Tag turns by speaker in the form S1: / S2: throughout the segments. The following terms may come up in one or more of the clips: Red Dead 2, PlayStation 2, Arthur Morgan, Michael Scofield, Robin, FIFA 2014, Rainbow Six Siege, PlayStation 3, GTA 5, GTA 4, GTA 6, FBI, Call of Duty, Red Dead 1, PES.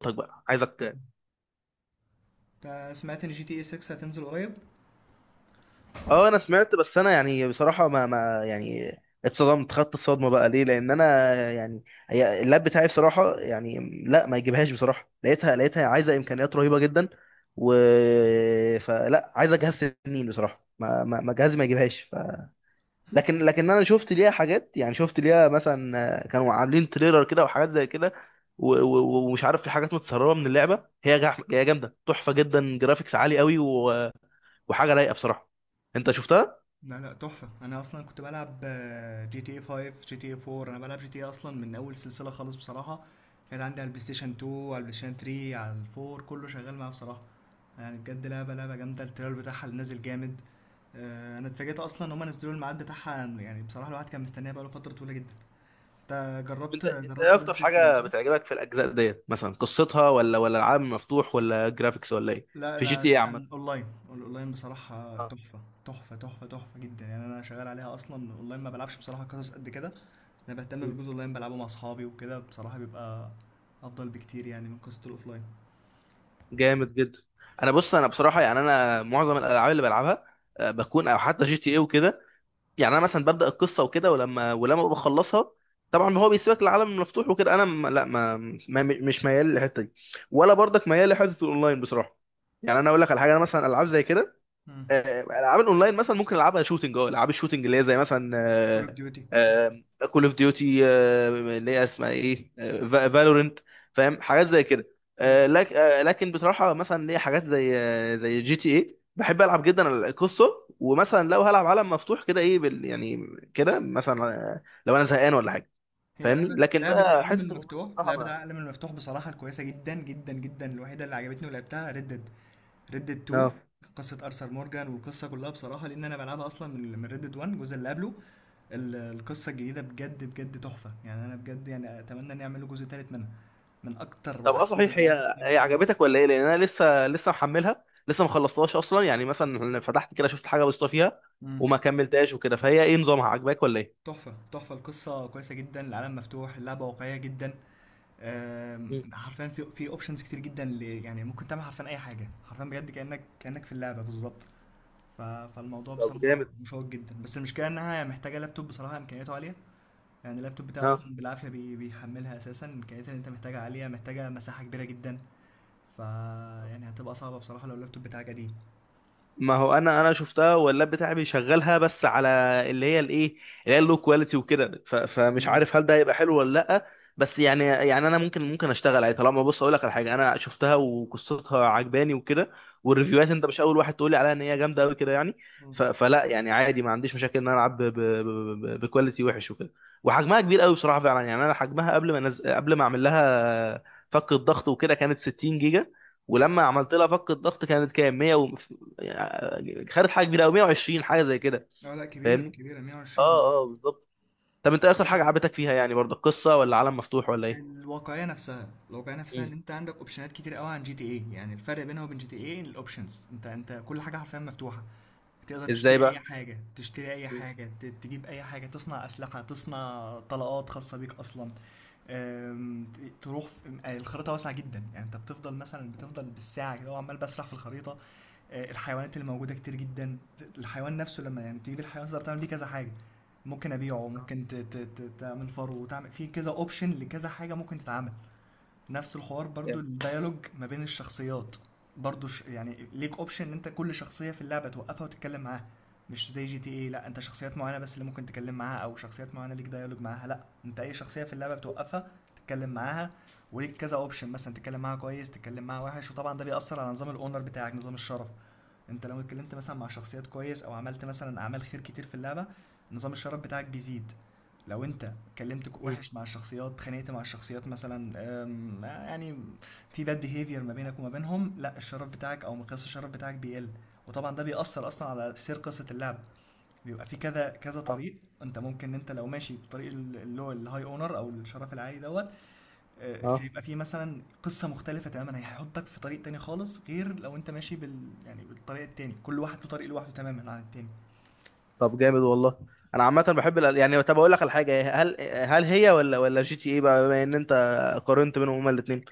S1: طيب بقى عايزك.
S2: سمعت ان جي تي اي 6 هتنزل قريب.
S1: اه انا سمعت، بس انا بصراحه ما ما يعني اتصدمت، خدت الصدمه بقى، ليه؟ لان انا هي اللاب بتاعي بصراحه لا ما يجيبهاش بصراحه. لقيتها عايزه امكانيات رهيبه جدا، و فلا عايزه جهاز سنين بصراحه. ما جهازي ما يجيبهاش، لكن انا شفت ليها حاجات. يعني شفت ليها مثلا كانوا عاملين تريلر كده وحاجات زي كده، و- و- ومش عارف، في حاجات متسربه من اللعبه، هي جامده تحفه جدا، جرافيكس عالي قوي، وحاجه رايقه بصراحه. انت شفتها؟
S2: لا، تحفة. انا اصلا كنت بلعب جي تي اي 5، جي تي اي 4، انا بلعب جي تي اي اصلا من اول سلسلة خالص بصراحة. كانت عندي على البلاي ستيشن 2، على البلاي ستيشن 3، على ال 4، كله شغال معاه بصراحة. يعني بجد لعبة جامدة، التريلر بتاعها اللي نازل جامد. انا اتفاجئت اصلا ان هم نزلوا الميعاد بتاعها، يعني بصراحة الواحد كان مستنيها بقاله فترة طويلة جدا. انت جربت
S1: انت ايه
S2: جربت
S1: اكتر
S2: ريد ديد 2
S1: حاجه
S2: صح؟
S1: بتعجبك في الاجزاء ديت؟ مثلا قصتها، ولا العالم مفتوح، ولا جرافيكس، ولا ايه؟
S2: لا،
S1: في جي
S2: انا
S1: تي ايه
S2: اشتغل
S1: عامه.
S2: اونلاين. الاونلاين بصراحه
S1: اه.
S2: تحفه، تحفه جدا. يعني انا شغال عليها اصلا اونلاين، ما بلعبش بصراحه قصص قد كده. انا بهتم بالجزء اونلاين، بلعبه مع اصحابي وكده، بصراحه بيبقى افضل بكتير يعني من قصه الاوفلاين.
S1: جامد جدا. بص، انا بصراحه يعني انا معظم الالعاب اللي بلعبها بكون او حتى جي تي ايه وكده، يعني انا مثلا ببدا القصه وكده، ولما بخلصها طبعا هو بيسيبك العالم المفتوح وكده. انا م- لا ما, ما مش ميال للحته دي، ولا برضك ميال لحته الاونلاين بصراحه. يعني انا اقول لك على حاجه، انا مثلا العاب زي كده العاب الاونلاين مثلا ممكن العبها شوتنج، اه العاب الشوتنج اللي هي زي مثلا
S2: كول اوف ديوتي.
S1: كول اوف ديوتي، اللي هي اسمها ايه، فالورنت، فاهم حاجات زي كده. لكن بصراحه مثلا ليا حاجات زي زي جي تي ايه، بحب العب جدا القصه، ومثلا لو هلعب عالم مفتوح كده ايه بال يعني كده مثلا لو انا زهقان ولا حاجه.
S2: هي
S1: فاهمني؟
S2: لعبة
S1: لكن
S2: لعبة
S1: بقى
S2: العالم
S1: حته الاونلاين
S2: المفتوح،
S1: بصراحه
S2: لعبة
S1: ما.
S2: العالم المفتوح بصراحة الكويسة جدا جدا جدا الوحيدة اللي عجبتني ولعبتها ريد ديد، ريد ديد 2.
S1: اه.
S2: قصة أرثر مورجان والقصة كلها بصراحة، لأن أنا بلعبها أصلا من ريد ديد 1 الجزء اللي قبله. القصة الجديدة بجد بجد تحفة، يعني أنا بجد يعني أتمنى إن يعملوا جزء تالت منها. من أكتر
S1: طب اه
S2: وأحسن
S1: صحيح،
S2: الألعاب اللي
S1: هي
S2: لعبت لعبة.
S1: عجبتك ولا ايه؟ لان انا لسه محملها، لسه ما خلصتهاش اصلا، يعني مثلا فتحت كده شفت حاجه بسيطه فيها
S2: تحفة
S1: وما كملتهاش وكده. فهي ايه نظامها؟ عجباك ولا ايه؟
S2: تحفة تحفة، القصة كويسة جدا، العالم مفتوح، اللعبة واقعية جدا.
S1: مم.
S2: حرفيا في اوبشنز كتير جدا اللي يعني ممكن تعمل حرفيا اي حاجه، حرفيا بجد كانك في اللعبه بالظبط. فالموضوع
S1: طب
S2: بصراحه
S1: جامد.
S2: مشوق جدا، بس المشكله انها محتاجه لابتوب بصراحه امكانياته عاليه. يعني اللابتوب بتاعي
S1: ها.
S2: اصلا بالعافيه بيحملها، اساسا امكانياتها اللي انت محتاجها عاليه، محتاجه مساحه كبيره جدا. ف يعني هتبقى صعبه بصراحه لو اللابتوب بتاعك قديم.
S1: ما هو انا شفتها، واللاب بتاعي بيشغلها بس على اللي هي الايه اللي هي اللو كواليتي وكده. فمش
S2: مم.
S1: عارف هل ده هيبقى حلو ولا لا. بس يعني، يعني انا ممكن اشتغل عليه، طالما بص اقول لك على حاجه، انا شفتها وقصتها عجباني وكده،
S2: مم.
S1: والريفيوهات انت مش اول واحد تقولي عليها ان هي جامده قوي كده يعني.
S2: مم.
S1: فلا يعني عادي، ما عنديش مشاكل ان انا العب بكواليتي وحش وكده. وحجمها كبير قوي بصراحه فعلا، يعني انا حجمها قبل ما اعمل لها فك الضغط وكده كانت 60 جيجا، ولما عملت لها فك الضغط كانت كام؟ 100 خدت حاجه كبيره قوي، 120 حاجه زي كده.
S2: اه لا، كبير،
S1: فاهمني؟
S2: كبيرة 120
S1: اه اه
S2: مظبوط.
S1: بالظبط. طب انت إيه اكتر حاجه عجبتك فيها يعني برضه؟ القصه، ولا عالم مفتوح، ولا ايه؟
S2: الواقعيه نفسها، الواقعيه نفسها ان
S1: مم.
S2: انت عندك اوبشنات كتير قوي عن جي تي اي. يعني الفرق بينها وبين جي تي اي الاوبشنز، انت كل حاجه حرفيا مفتوحه. تقدر
S1: ازاي
S2: تشتري اي
S1: بقى؟
S2: حاجه، تشتري اي
S1: مم.
S2: حاجه تجيب اي حاجه، تصنع اسلحه، تصنع طلقات خاصه بيك اصلا. تروح الخريطه واسعه جدا، يعني انت بتفضل مثلا بالساعه كده وعمال بسرح في الخريطه. الحيوانات اللي موجوده كتير جدا. الحيوان نفسه لما يعني تجيب الحيوان تقدر تعمل بيه كذا حاجه. ممكن ابيعه،
S1: آه.
S2: ممكن تعمل فرو، وتعمل في كذا اوبشن لكذا حاجه ممكن تتعمل. نفس الحوار برضو،
S1: جامد.
S2: الديالوج ما بين الشخصيات برضو يعني ليك اوبشن ان انت كل شخصية في اللعبة توقفها وتتكلم معاها. مش زي جي تي اي، لا انت شخصيات معينة بس اللي ممكن تتكلم معاها، او شخصيات معينة ليك ديالوج معاها. لا، انت اي شخصية في اللعبة بتوقفها تتكلم معاها. وليك كذا اوبشن، مثلا تتكلم معاها كويس، تتكلم معاها وحش، وطبعا ده بيأثر على نظام الاونر بتاعك، نظام الشرف. انت لو اتكلمت مثلا مع شخصيات كويس، او عملت مثلا اعمال خير كتير في اللعبة، نظام الشرف بتاعك بيزيد. لو انت اتكلمت
S1: مم.
S2: وحش مع الشخصيات، اتخانقت مع الشخصيات مثلا، يعني في باد بيهيفير ما بينك وما بينهم، لا الشرف بتاعك او مقياس الشرف بتاعك بيقل. وطبعا ده بيأثر اصلا على سير قصة اللعب، بيبقى في كذا كذا
S1: اه.
S2: طريق. انت ممكن انت لو ماشي بطريق اللي هو الهاي اونر او الشرف العالي دوت.
S1: اه
S2: يبقى في مثلا قصة مختلفة تماما، هيحطك في طريق تاني خالص، غير لو انت ماشي يعني بالطريق التاني. كل واحد له طريق لوحده تماما عن التاني.
S1: طب جامد والله. انا عامه بحب يعني طب اقول لك على حاجه، هل هي ولا جي تي ايه بقى، بما ان انت قارنت بينهم هما الاثنين؟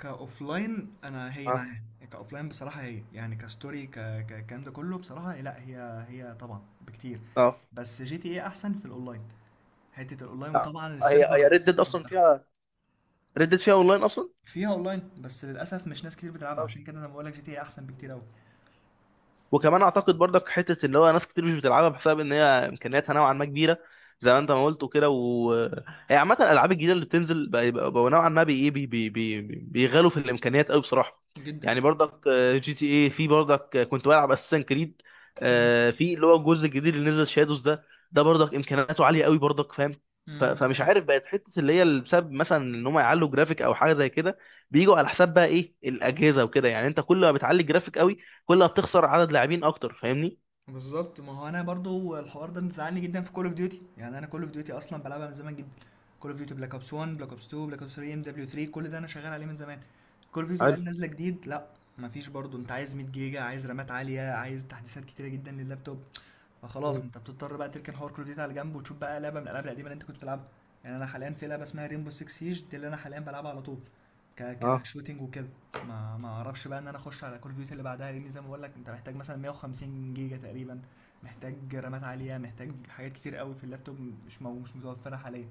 S2: كاوف لاين انا هي
S1: اه.
S2: معاه. كاوف لاين بصراحه هي يعني كستوري الكلام ده كله بصراحه، لا هي طبعا بكتير.
S1: اه.
S2: بس جي تي ايه احسن في الاونلاين، حته الاونلاين
S1: آه،
S2: وطبعا
S1: هي
S2: السيرفر،
S1: هي ريد ديد اصلا
S2: بتاعها.
S1: فيها، ريد ديد فيها اونلاين اصلا؟
S2: فيها اونلاين بس للاسف مش ناس كتير بتلعبها، عشان كده انا بقول لك جي تي ايه احسن بكتير
S1: آه.
S2: قوي.
S1: وكمان اعتقد برضك حته اللي هو ناس كتير مش بتلعبها بسبب ان هي امكانياتها نوعا ما كبيره، زي ما انت ما قلت وكده. و هي عامه الالعاب الجديده اللي بتنزل بقى بقوا نوعا ما بي إيه، بي بي بي بيغالوا في الامكانيات قوي بصراحه.
S2: جدا.
S1: يعني برضك جي تي اي، في برضك كنت بلعب اساسن كريد
S2: مم.
S1: في اللي هو الجزء الجديد اللي نزل شادوز ده، ده برضك امكانياته عاليه قوي برضك، فاهم؟
S2: مم.
S1: فمش عارف، بقت حته اللي هي اللي بسبب مثلا ان هم يعلوا جرافيك او حاجه زي كده بيجوا على حساب بقى ايه الاجهزه وكده. يعني انت كل ما بتعلي الجرافيك قوي، كل ما بتخسر عدد لاعبين اكتر. فاهمني؟
S2: بالظبط، ما هو انا برضو الحوار ده مزعلني جدا في كول اوف ديوتي. يعني انا كول اوف ديوتي اصلا بلعبها من زمان جدا. كول اوف ديوتي بلاك اوبس 1، بلاك اوبس 2، بلاك اوبس 3، ام دبليو 3، كل ده انا شغال عليه من زمان. كول اوف ديوتي بقى
S1: حلو.
S2: اللي نازله جديد، لا مفيش، برضو انت عايز 100 جيجا، عايز رامات عاليه، عايز تحديثات كتيره جدا لللابتوب. فخلاص
S1: مم.
S2: انت بتضطر بقى تركن حوار كل ديتا على جنب، وتشوف بقى لعبه من الالعاب القديمه اللي انت كنت بتلعبها. يعني انا حاليا في لعبه اسمها ريمبو 6 سيج دي اللي انا حاليا بلعبها على طول.
S1: اه
S2: كشوتينج وكده. ما ما اعرفش بقى ان انا اخش على كل ديوتي اللي بعدها، لان زي ما بقول لك انت محتاج مثلا 150 جيجا تقريبا، محتاج رامات عاليه، محتاج حاجات كتير قوي في اللابتوب، مش متوفره حاليا.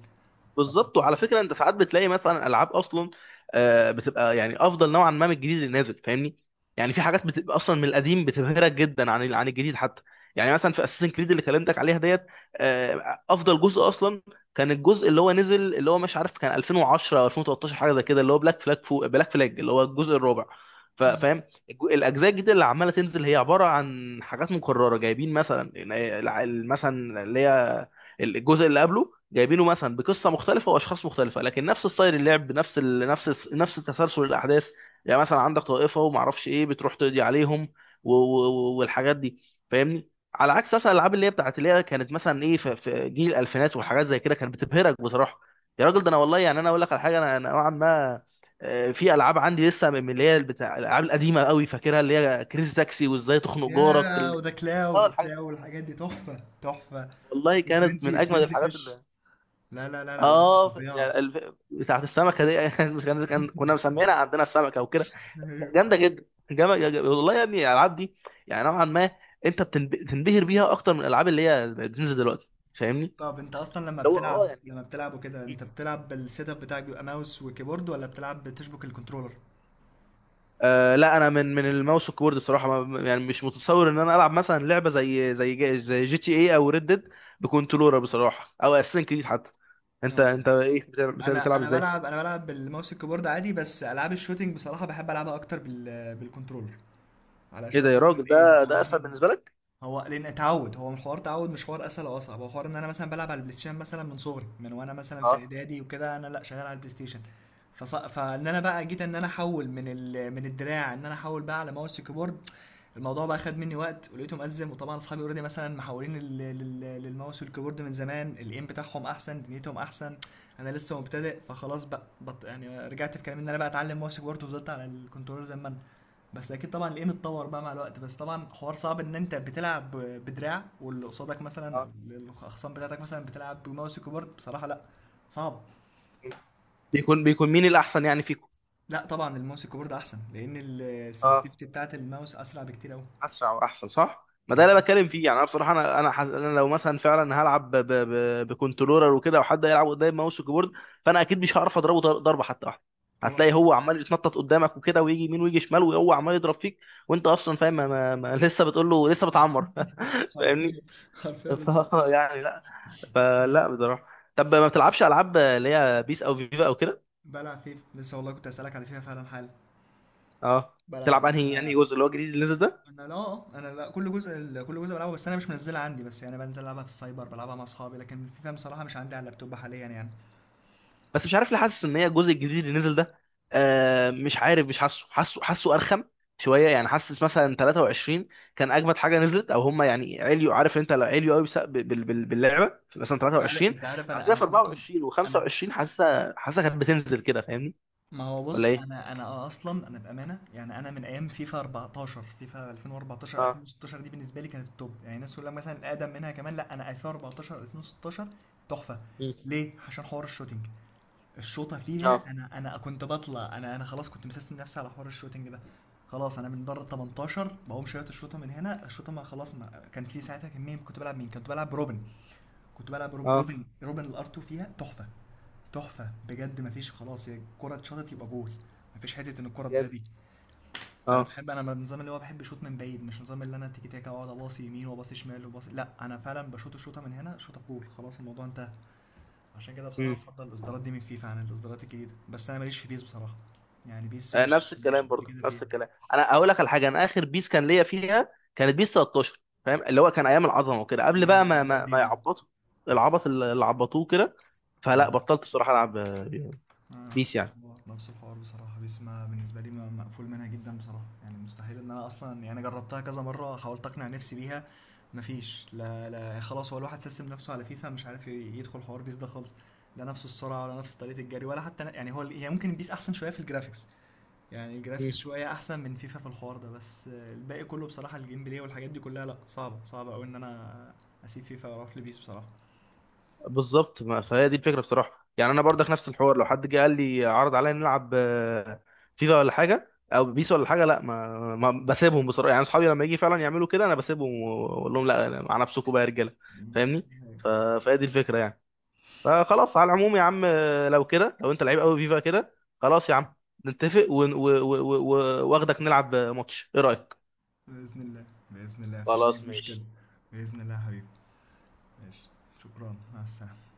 S1: بالظبط. وعلى فكره انت ساعات بتلاقي مثلا العاب اصلا بتبقى يعني افضل نوعا ما من الجديد اللي نازل. فاهمني؟ يعني في حاجات بتبقى اصلا من القديم بتبهرك جدا عن عن الجديد حتى. يعني مثلا في اساسن كريد اللي كلمتك عليها ديت افضل جزء اصلا كان الجزء اللي هو نزل، اللي هو مش عارف كان 2010 او 2013 حاجه زي كده، اللي هو بلاك فلاج، فوق بلاك فلاج اللي هو الجزء الرابع.
S2: مم.
S1: فاهم؟ الاجزاء الجديده اللي عماله تنزل هي عباره عن حاجات مكرره، جايبين مثلا يعني مثلا اللي هي الجزء اللي قبله، جايبينه مثلا بقصه مختلفه واشخاص مختلفه لكن نفس ستايل اللعب، نفس نفس تسلسل الاحداث. يعني مثلا عندك طائفه وما اعرفش ايه بتروح تقضي عليهم والحاجات دي. فاهمني؟ على عكس مثلا الالعاب اللي هي بتاعت اللي هي كانت مثلا ايه في جيل الالفينات والحاجات زي كده، كانت بتبهرك بصراحه. يا راجل ده انا والله، يعني انا اقول لك على حاجه، انا نوعا ما في العاب عندي لسه من اللي هي بتاع الالعاب القديمه قوي فاكرها، اللي هي كريزي تاكسي، وازاي تخنق جارك
S2: يا وده
S1: اه
S2: كلاو
S1: الحاجات
S2: كلاو والحاجات دي تحفه تحفه.
S1: والله كانت من
S2: وفرنزي،
S1: اجمد
S2: فرنزي
S1: الحاجات.
S2: فيش. لا، الألعاب دي
S1: اه
S2: فظيعه.
S1: يعني بتاعت السمكه دي مش كنا مسمينها عندنا السمكه وكده. جامده جدا. جامد والله يا ابني الالعاب دي، يعني نوعا ما انت بتنبهر بيها اكتر من الالعاب اللي هي بتنزل دلوقتي. فاهمني؟
S2: طب انت اصلا لما
S1: اللي هو اه
S2: بتلعب،
S1: يعني
S2: وكده، انت بتلعب بالسيت اب بتاعك بيبقى ماوس وكيبورد، ولا بتلعب بتشبك الكنترولر؟
S1: آه لا، انا من الماوس والكيبورد بصراحه، ما يعني مش متصور ان انا العب مثلا لعبه زي جي تي اي او ريد ديد بكنترولر بصراحه، او اساسن كريد حتى. انت
S2: اه.
S1: انت ايه
S2: انا
S1: بتلعب
S2: انا
S1: ازاي؟
S2: بلعب انا بلعب بالماوس الكيبورد عادي، بس العاب الشوتينج بصراحه بحب العبها اكتر بالكنترولر.
S1: ايه
S2: علشان
S1: ده يا
S2: خاطر
S1: راجل،
S2: الايه، ما
S1: ده
S2: هو
S1: اسهل
S2: انا،
S1: بالنسبه لك؟
S2: هو لان تعود، هو الحوار تعود، مش حوار اسهل او اصعب، هو حوار ان انا مثلا بلعب على البلاي ستيشن مثلا من صغري، من وانا مثلا في
S1: اه
S2: اعدادي وكده انا لا شغال على البلاي ستيشن. فص... فان انا بقى جيت ان انا احول من الدراع ان انا احول بقى على ماوس وكيبورد، الموضوع بقى خد مني وقت، ولقيته مأزم. وطبعا اصحابي اوريدي مثلا محولين للماوس والكيبورد من زمان، الايم بتاعهم احسن، دنيتهم احسن. انا لسه مبتدئ، فخلاص بقى يعني رجعت في كلامي ان انا بقى اتعلم ماوس وكيبورد، وفضلت على الكنترول زي ما انا. بس اكيد طبعا الايم اتطور بقى مع الوقت، بس طبعا حوار صعب ان انت بتلعب بدراع واللي قصادك مثلا او
S1: اه.
S2: الاخصام بتاعتك مثلا بتلعب بماوس وكيبورد، بصراحه لا، صعب.
S1: بيكون مين الاحسن يعني فيكم؟
S2: لا طبعا الماوس وكيبورد احسن، لان
S1: اه.
S2: السنسيتيفيتي بتاعت الماوس اسرع بكتير قوي.
S1: اسرع واحسن صح، ما ده اللي أنا
S2: بالظبط.
S1: بتكلم فيه. يعني انا بصراحه أنا لو مثلا فعلا هلعب بكنترولر وكده، وحد يلعب قدام ماوس وكيبورد، فانا اكيد مش هعرف اضربه ضربه حتى واحده.
S2: طبعا.
S1: هتلاقي هو عمال يتنطط قدامك وكده، ويجي يمين ويجي شمال، وهو عمال يضرب فيك. وانت اصلا فاهم ما... ما... ما... لسه بتقول له لسه بتعمر فاهمني؟
S2: حرفيا، حرفيا
S1: ف...
S2: لسه بتلعب.
S1: يعني لا، فلا بصراحه. طب ما بتلعبش العاب اللي هي بيس او فيفا او كده؟
S2: بلعب فيفا لسه، والله كنت اسالك على فيفا فعلا حالا.
S1: اه
S2: بلعب
S1: بتلعب انهي
S2: فيفا.
S1: يعني جزء؟ اللي هو الجديد اللي نزل ده؟
S2: انا لا، كل جزء، كل جزء بلعبه، بس انا مش منزلها عندي، بس يعني بنزل العبها في السايبر، بلعبها مع اصحابي، لكن فيفا بصراحه مش عندي على اللابتوب حاليا يعني.
S1: بس مش عارف ليه، حاسس ان هي الجزء الجديد اللي نزل ده آه مش عارف، مش حاسه، حاسه ارخم شويه. يعني حاسس مثلا 23 كان اجمد حاجه نزلت، او هم يعني عليوا، عارف انت لو عليوا قوي باللعبه، في مثلا
S2: انت عارف
S1: 23
S2: انت عارف
S1: بعد
S2: انا
S1: كده في
S2: كنت،
S1: 24
S2: انا
S1: و25 حاسسها، كانت بتنزل كده. فاهمني؟
S2: ما هو
S1: ولا
S2: بص
S1: ايه؟
S2: انا اصلا انا بامانه يعني، انا من ايام فيفا 14، فيفا 2014،
S1: اه.
S2: 2016، دي بالنسبه لي كانت التوب. يعني الناس تقول لك مثلا الاقدم منها كمان، لا انا 2014، 2016 تحفه.
S1: مم.
S2: ليه؟ عشان حوار الشوتينج، الشوطه فيها،
S1: اه.
S2: انا انا كنت بطلع، انا انا خلاص كنت مسستم نفسي على حوار الشوتينج ده. خلاص، انا من بره ال 18 بقوم شويه الشوطه من هنا. الشوطه، ما خلاص، ما كان في ساعتها كميه. كنت بلعب مين؟ كنت بلعب روبن. كنت بلعب روبن،
S1: اه
S2: الار 2 فيها تحفه، تحفه بجد، مفيش خلاص، هي الكره اتشاطت يبقى جول. مفيش حته ان الكره تضيع
S1: جامد.
S2: دي. فانا
S1: اه.
S2: بحب، انا من النظام اللي هو بحب شوط من بعيد، مش نظام اللي انا تيكي تاكا واقعد اباصي يمين وباصي شمال وباصي، لا انا فعلا بشوط الشوطه من هنا شوطه جول خلاص الموضوع انتهى. عشان كده بصراحه
S1: مم.
S2: بفضل الاصدارات دي من فيفا عن الاصدارات الجديده، بس انا ماليش في بيس بصراحه، يعني بيس
S1: آه، نفس
S2: مش
S1: الكلام
S2: قد
S1: برضه،
S2: كده
S1: نفس
S2: فيها.
S1: الكلام. انا اقول لك على حاجه، انا اخر بيس كان ليا فيها كانت بيس 13، فاهم، اللي هو كان ايام العظمه وكده، قبل بقى
S2: ايوه على
S1: ما
S2: قديم.
S1: يعبطوا العبط اللي عبطوه كده. فلا بطلت بصراحه العب بيس
S2: نفس
S1: يعني.
S2: الحوار، بصراحة، بس ما بالنسبة لي مقفول منها جدا بصراحة، يعني مستحيل ان انا اصلا يعني جربتها كذا مرة، حاولت اقنع نفسي بيها، مفيش. لا، خلاص، هو الواحد سيستم نفسه على فيفا، مش عارف يدخل حوار بيس ده خالص. لا نفس السرعة، ولا نفس طريقة الجري، ولا حتى يعني هي ممكن بيس احسن شوية في الجرافيكس، يعني الجرافيكس
S1: مم.
S2: شوية احسن من فيفا في الحوار ده، بس الباقي كله بصراحة الجيم بلاي والحاجات دي كلها لا صعبة، قوي ان انا اسيب فيفا واروح لبيس بصراحة.
S1: بالظبط. ما فهي دي الفكره بصراحه. يعني انا برضك نفس الحوار، لو حد جه قال لي عرض عليا نلعب فيفا ولا حاجه او بيس ولا حاجه، لا ما بسيبهم بصراحه. يعني اصحابي لما يجي فعلا يعملوا كده انا بسيبهم واقول لهم لا، مع نفسكم بقى يا رجاله. فاهمني؟ ف- فهي دي الفكره يعني. فخلاص على العموم يا عم، لو كده لو انت لعيب قوي فيفا كده، خلاص يا عم، نتفق واخدك نلعب ماتش، ايه رأيك؟
S2: بإذن الله، بإذن الله مفيش أي
S1: خلاص
S2: مشكلة.
S1: ماشي.
S2: بإذن الله يا حبيبي، ماشي. شكرا، مع السلامة.